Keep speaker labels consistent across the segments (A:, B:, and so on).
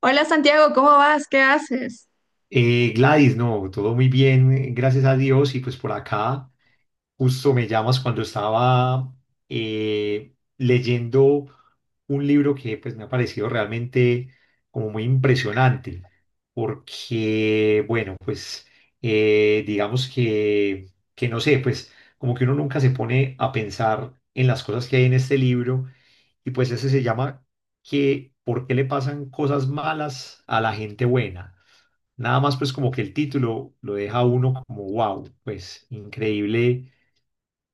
A: Hola, Santiago, ¿cómo vas? ¿Qué haces?
B: Gladys, no, todo muy bien, gracias a Dios. Y pues por acá, justo me llamas cuando estaba leyendo un libro que pues me ha parecido realmente como muy impresionante, porque bueno, pues digamos que no sé, pues como que uno nunca se pone a pensar en las cosas que hay en este libro y pues ese se llama que ¿por qué le pasan cosas malas a la gente buena? Nada más pues como que el título lo deja a uno como wow, pues increíble,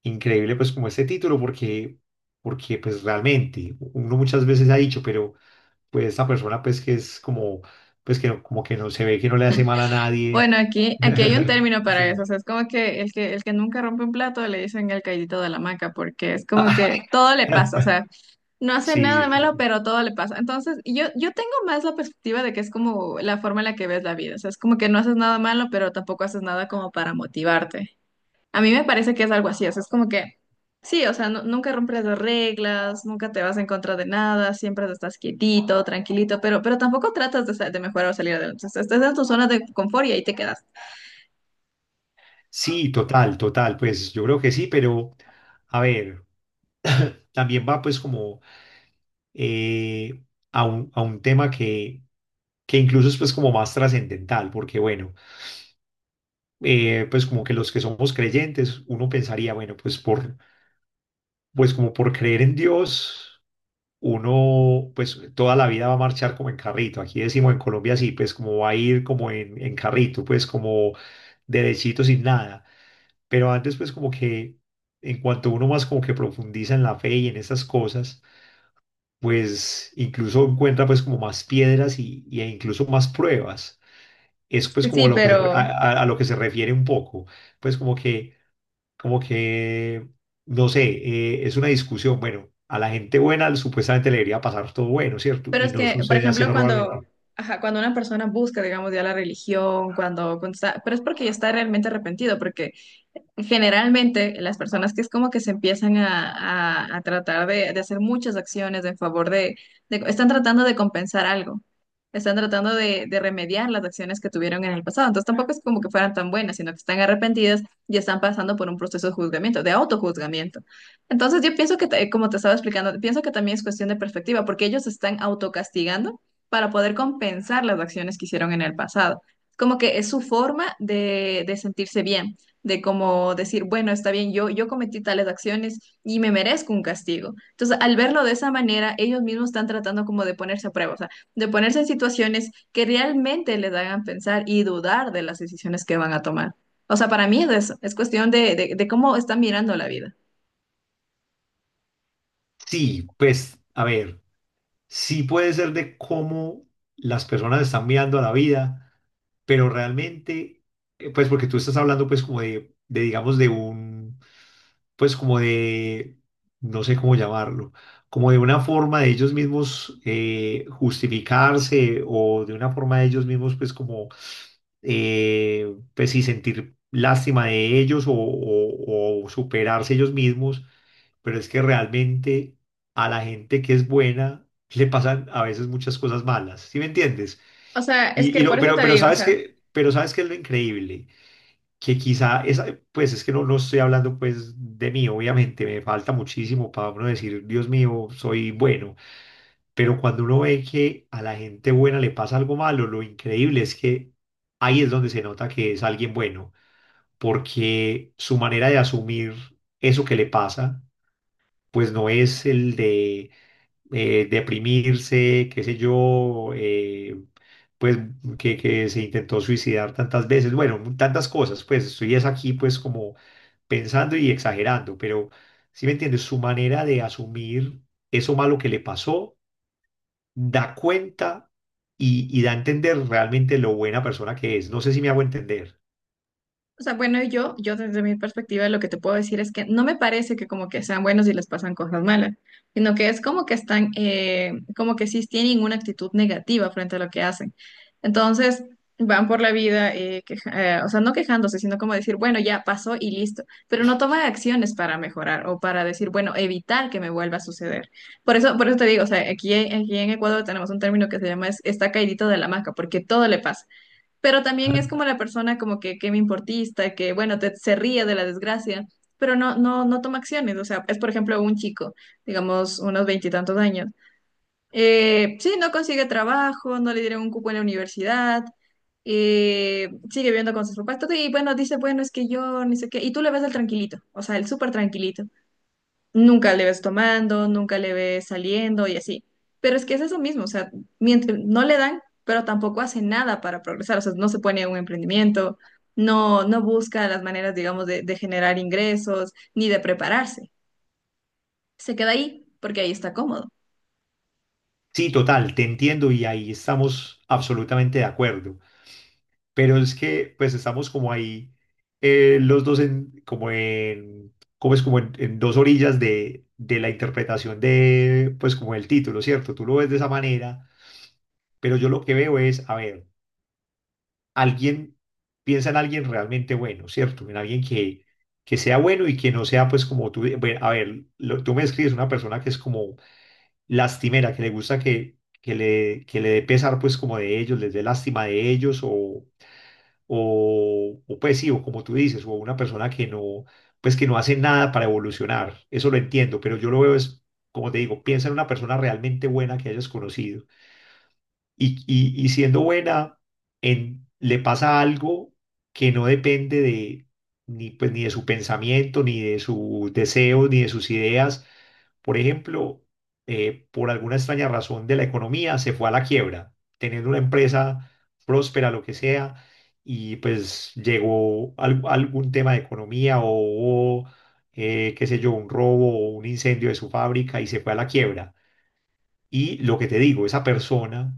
B: increíble pues como este título porque pues realmente uno muchas veces ha dicho, pero pues esta persona pues que es como, pues que como que no se ve que no le hace mal a nadie.
A: Bueno, aquí hay un término para eso, o
B: Sí.
A: sea, es como que el que nunca rompe un plato le dicen el caidito de la hamaca, porque es como
B: Ah,
A: que todo le pasa, o sea, no hace nada
B: sí,
A: de malo,
B: sí.
A: pero todo le pasa. Entonces, yo tengo más la perspectiva de que es como la forma en la que ves la vida, o sea, es como que no haces nada malo, pero tampoco haces nada como para motivarte. A mí me parece que es algo así, o sea, es como que, sí, o sea, nunca rompes las reglas, nunca te vas en contra de nada, siempre estás quietito, tranquilito, pero tampoco tratas de, de mejorar o salir adelante. O sea, estás en tu zona de confort y ahí te quedas.
B: Sí, total, total, pues yo creo que sí, pero a ver, también va pues como eh, a a un tema que incluso es pues como más trascendental, porque bueno, pues como que los que somos creyentes, uno pensaría, bueno, pues como por creer en Dios, uno pues toda la vida va a marchar como en carrito, aquí decimos en Colombia sí, pues como va a ir como en carrito, pues como derechito sin nada, pero antes pues como que en cuanto uno más como que profundiza en la fe y en esas cosas, pues incluso encuentra pues como más piedras y e incluso más pruebas es pues
A: Sí, sí,
B: como lo que se, re- a lo que se refiere un poco, pues como como que, no sé, es una discusión, bueno, a la gente buena supuestamente le debería pasar todo bueno, ¿cierto?
A: pero
B: Y
A: es
B: no
A: que, por
B: sucede así
A: ejemplo, cuando,
B: normalmente.
A: ajá, cuando una persona busca, digamos, ya la religión, cuando, cuando está, pero es porque ya está realmente arrepentido. Generalmente las personas que es como que se empiezan a, a tratar de hacer muchas acciones en favor de, están tratando de compensar algo, están tratando de remediar las acciones que tuvieron en el pasado. Entonces tampoco es como que fueran tan buenas, sino que están arrepentidas y están pasando por un proceso de juzgamiento, de autojuzgamiento. Entonces yo pienso que, como te estaba explicando, pienso que también es cuestión de perspectiva, porque ellos se están autocastigando para poder compensar las acciones que hicieron en el pasado. Como que es su forma de sentirse bien, de como decir, bueno, está bien, yo cometí tales acciones y me merezco un castigo. Entonces, al verlo de esa manera, ellos mismos están tratando como de ponerse a prueba, o sea, de ponerse en situaciones que realmente les hagan pensar y dudar de las decisiones que van a tomar. O sea, para mí es eso, es cuestión de cómo están mirando la vida.
B: Sí, pues, a ver, sí puede ser de cómo las personas están mirando a la vida, pero realmente, pues porque tú estás hablando pues como digamos, de un, pues como de, no sé cómo llamarlo, como de una forma de ellos mismos justificarse o de una forma de ellos mismos pues como, pues sí, sentir lástima de ellos o superarse ellos mismos, pero es que realmente a la gente que es buena le pasan a veces muchas cosas malas, ¿sí me entiendes?
A: O sea, es
B: Y,
A: que
B: y
A: por
B: no,
A: eso te
B: pero
A: digo, o
B: sabes
A: sea,
B: pero sabes que es lo increíble, que quizá esa, pues es que no, no estoy hablando pues de mí, obviamente, me falta muchísimo para uno decir, Dios mío, soy bueno, pero cuando uno ve que a la gente buena le pasa algo malo, lo increíble es que ahí es donde se nota que es alguien bueno, porque su manera de asumir eso que le pasa, pues no es el de deprimirse, qué sé yo, pues que se intentó suicidar tantas veces, bueno, tantas cosas, pues estoy es aquí pues como pensando y exagerando, pero si me entiendes, su manera de asumir eso malo que le pasó, da cuenta y da a entender realmente lo buena persona que es. No sé si me hago entender.
A: o sea, bueno, yo desde mi perspectiva lo que te puedo decir es que no me parece que como que sean buenos y les pasan cosas malas, sino que es como que están, como que sí tienen una actitud negativa frente a lo que hacen. Entonces, van por la vida, o sea, no quejándose, sino como decir, bueno, ya pasó y listo, pero no toman acciones para mejorar o para decir, bueno, evitar que me vuelva a suceder. Por eso te digo, o sea, aquí, aquí en Ecuador tenemos un término que se llama está caidito de la hamaca, porque todo le pasa, pero también
B: Ajá.
A: es como la persona como que me importista, que bueno, te, se ríe de la desgracia, pero no, no, no toma acciones. O sea, es por ejemplo un chico, digamos unos veintitantos años. Sí, no consigue trabajo, no le dieron un cupo en la universidad, sigue viviendo con sus papás, todo, y bueno, dice, bueno, es que yo, ni sé qué, y tú le ves el tranquilito, o sea, el súper tranquilito, nunca le ves tomando, nunca le ves saliendo y así. Pero es que es eso mismo, o sea, mientras no le dan, pero tampoco hace nada para progresar, o sea, no se pone a un emprendimiento, no, no busca las maneras, digamos, de generar ingresos, ni de prepararse. Se queda ahí porque ahí está cómodo.
B: Sí, total, te entiendo y ahí estamos absolutamente de acuerdo. Pero es que pues estamos como ahí los dos en como es como en dos orillas de la interpretación de pues como el título, ¿cierto? Tú lo ves de esa manera, pero yo lo que veo es, a ver, alguien piensa en alguien realmente bueno, ¿cierto? En alguien que sea bueno y que no sea pues como tú, bueno, a ver, tú me describes una persona que es como lastimera, que le gusta que le dé pesar pues como de ellos, les dé lástima de ellos o, pues sí, o como tú dices, o una persona que no, pues que no hace nada para evolucionar. Eso lo entiendo, pero yo lo veo es, como te digo, piensa en una persona realmente buena que hayas conocido y siendo buena, le pasa algo que no depende ni, pues, ni de su pensamiento, ni de su deseo, ni de sus ideas, por ejemplo, por alguna extraña razón de la economía, se fue a la quiebra, teniendo una empresa próspera, lo que sea, y pues algún tema de economía o, hubo, qué sé yo, un robo o un incendio de su fábrica y se fue a la quiebra. Y lo que te digo, esa persona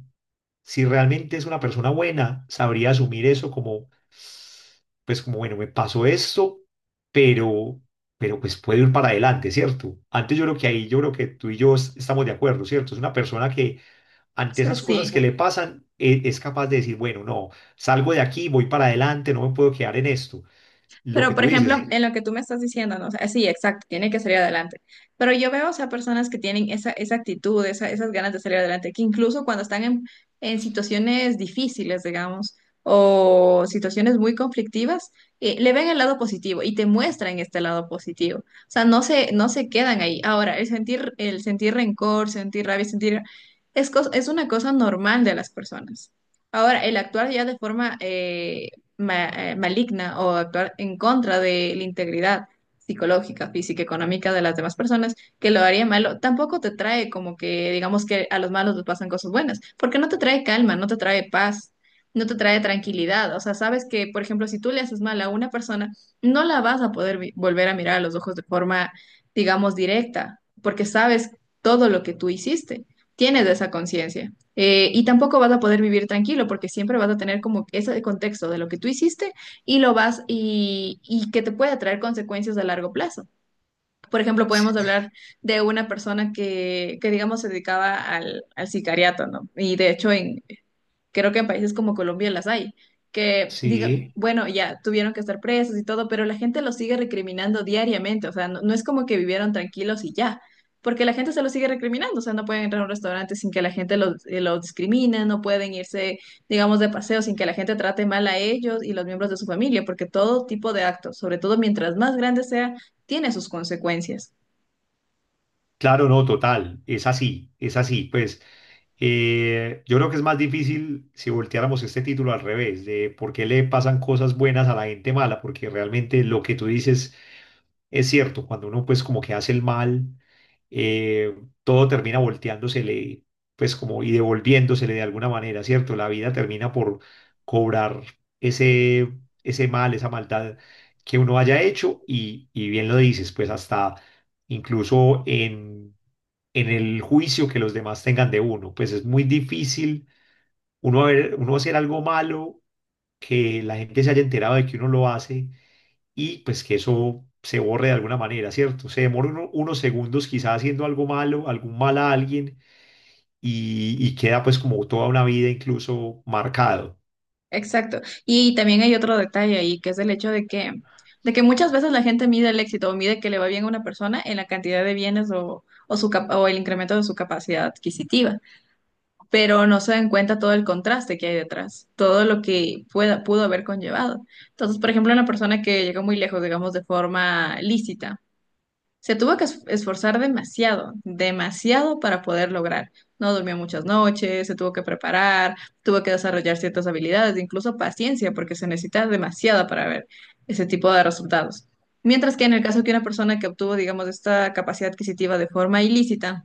B: si realmente es una persona buena, sabría asumir eso como, pues como, bueno, me pasó esto, pero, pero pues puedo ir para adelante, ¿cierto? Antes yo creo que ahí, yo creo que tú y yo estamos de acuerdo, ¿cierto? Es una persona que
A: O
B: ante
A: sea,
B: esas
A: sí.
B: cosas que le pasan, es capaz de decir, bueno, no, salgo de aquí, voy para adelante, no me puedo quedar en esto. Lo
A: Pero,
B: que
A: por
B: tú
A: ejemplo,
B: dices,
A: en lo que tú me estás diciendo, ¿no? O sea, sí, exacto, tiene que salir adelante. Pero yo veo, o sea, personas que tienen esa, esa actitud, esas ganas de salir adelante, que incluso cuando están en situaciones difíciles, digamos, o situaciones muy conflictivas, le ven el lado positivo y te muestran este lado positivo. O sea, no se, no se quedan ahí. Ahora, el sentir rencor, sentir rabia, sentir… es, es una cosa normal de las personas. Ahora, el actuar ya de forma… maligna, o actuar en contra de la integridad psicológica, física, económica de las demás personas, que lo haría malo, tampoco te trae como que, digamos que a los malos les pasan cosas buenas, porque no te trae calma, no te trae paz, no te trae tranquilidad. O sea, sabes que, por ejemplo, si tú le haces mal a una persona, no la vas a poder volver a mirar a los ojos de forma, digamos, directa, porque sabes todo lo que tú hiciste, tienes esa conciencia. Y tampoco vas a poder vivir tranquilo porque siempre vas a tener como ese contexto de lo que tú hiciste, y lo vas y que te puede traer consecuencias a largo plazo. Por ejemplo, podemos hablar de una persona que digamos, se dedicaba al, al sicariato, ¿no? Y de hecho, en, creo que en países como Colombia las hay, que diga, sí,
B: sí.
A: bueno, ya tuvieron que estar presos y todo, pero la gente los sigue recriminando diariamente, o sea, no, no es como que vivieron tranquilos y ya, porque la gente se los sigue recriminando, o sea, no pueden entrar a un restaurante sin que la gente los discrimine, no pueden irse, digamos, de paseo sin que la gente trate mal a ellos y los miembros de su familia, porque todo tipo de actos, sobre todo mientras más grande sea, tiene sus consecuencias.
B: Claro, no, total, es así, es así. Pues yo creo que es más difícil si volteáramos este título al revés, de por qué le pasan cosas buenas a la gente mala, porque realmente lo que tú dices es cierto, cuando uno pues como que hace el mal, eh, todo termina volteándosele, pues como y devolviéndosele de alguna manera, ¿cierto? La vida termina por cobrar ese, ese mal, esa maldad que uno haya hecho y bien lo dices, pues hasta incluso en el juicio que los demás tengan de uno. Pues es muy difícil uno hacer algo malo, que la gente se haya enterado de que uno lo hace y pues que eso se borre de alguna manera, ¿cierto? Se demora unos segundos quizás haciendo algo malo, algún mal a alguien y queda pues como toda una vida incluso marcado.
A: Exacto. Y también hay otro detalle ahí, que es el hecho de que muchas veces la gente mide el éxito o mide que le va bien a una persona en la cantidad de bienes o, su, o el incremento de su capacidad adquisitiva, pero no se dan cuenta todo el contraste que hay detrás, todo lo que pueda, pudo haber conllevado. Entonces, por ejemplo, una persona que llegó muy lejos, digamos, de forma lícita. Se tuvo que esforzar demasiado, demasiado para poder lograr. No durmió muchas noches, se tuvo que preparar, tuvo que desarrollar ciertas habilidades, incluso paciencia, porque se necesita demasiada para ver ese tipo de resultados. Mientras que en el caso que una persona que obtuvo, digamos, esta capacidad adquisitiva de forma ilícita,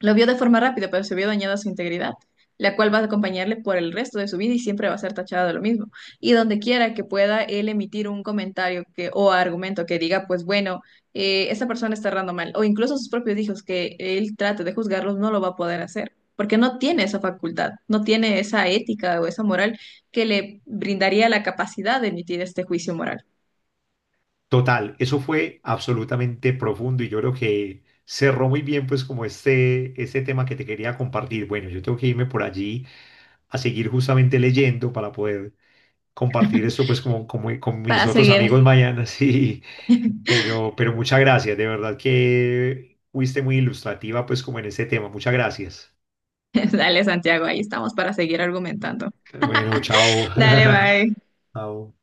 A: lo vio de forma rápida, pero se vio dañada su integridad, la cual va a acompañarle por el resto de su vida y siempre va a ser tachada de lo mismo. Y donde quiera que pueda él emitir un comentario que, o argumento que diga, pues bueno, esta persona está errando mal, o incluso sus propios hijos que él trate de juzgarlos, no lo va a poder hacer, porque no tiene esa facultad, no tiene esa ética o esa moral que le brindaría la capacidad de emitir este juicio moral.
B: Total, eso fue absolutamente profundo y yo creo que cerró muy bien pues como este tema que te quería compartir. Bueno, yo tengo que irme por allí a seguir justamente leyendo para poder compartir esto pues como, como con mis
A: Para
B: otros
A: seguir,
B: amigos mañana, sí, pero muchas gracias, de verdad que fuiste muy ilustrativa pues como en este tema, muchas gracias.
A: dale, Santiago, ahí estamos para seguir argumentando.
B: Bueno, chao.
A: Dale, bye.
B: Chao.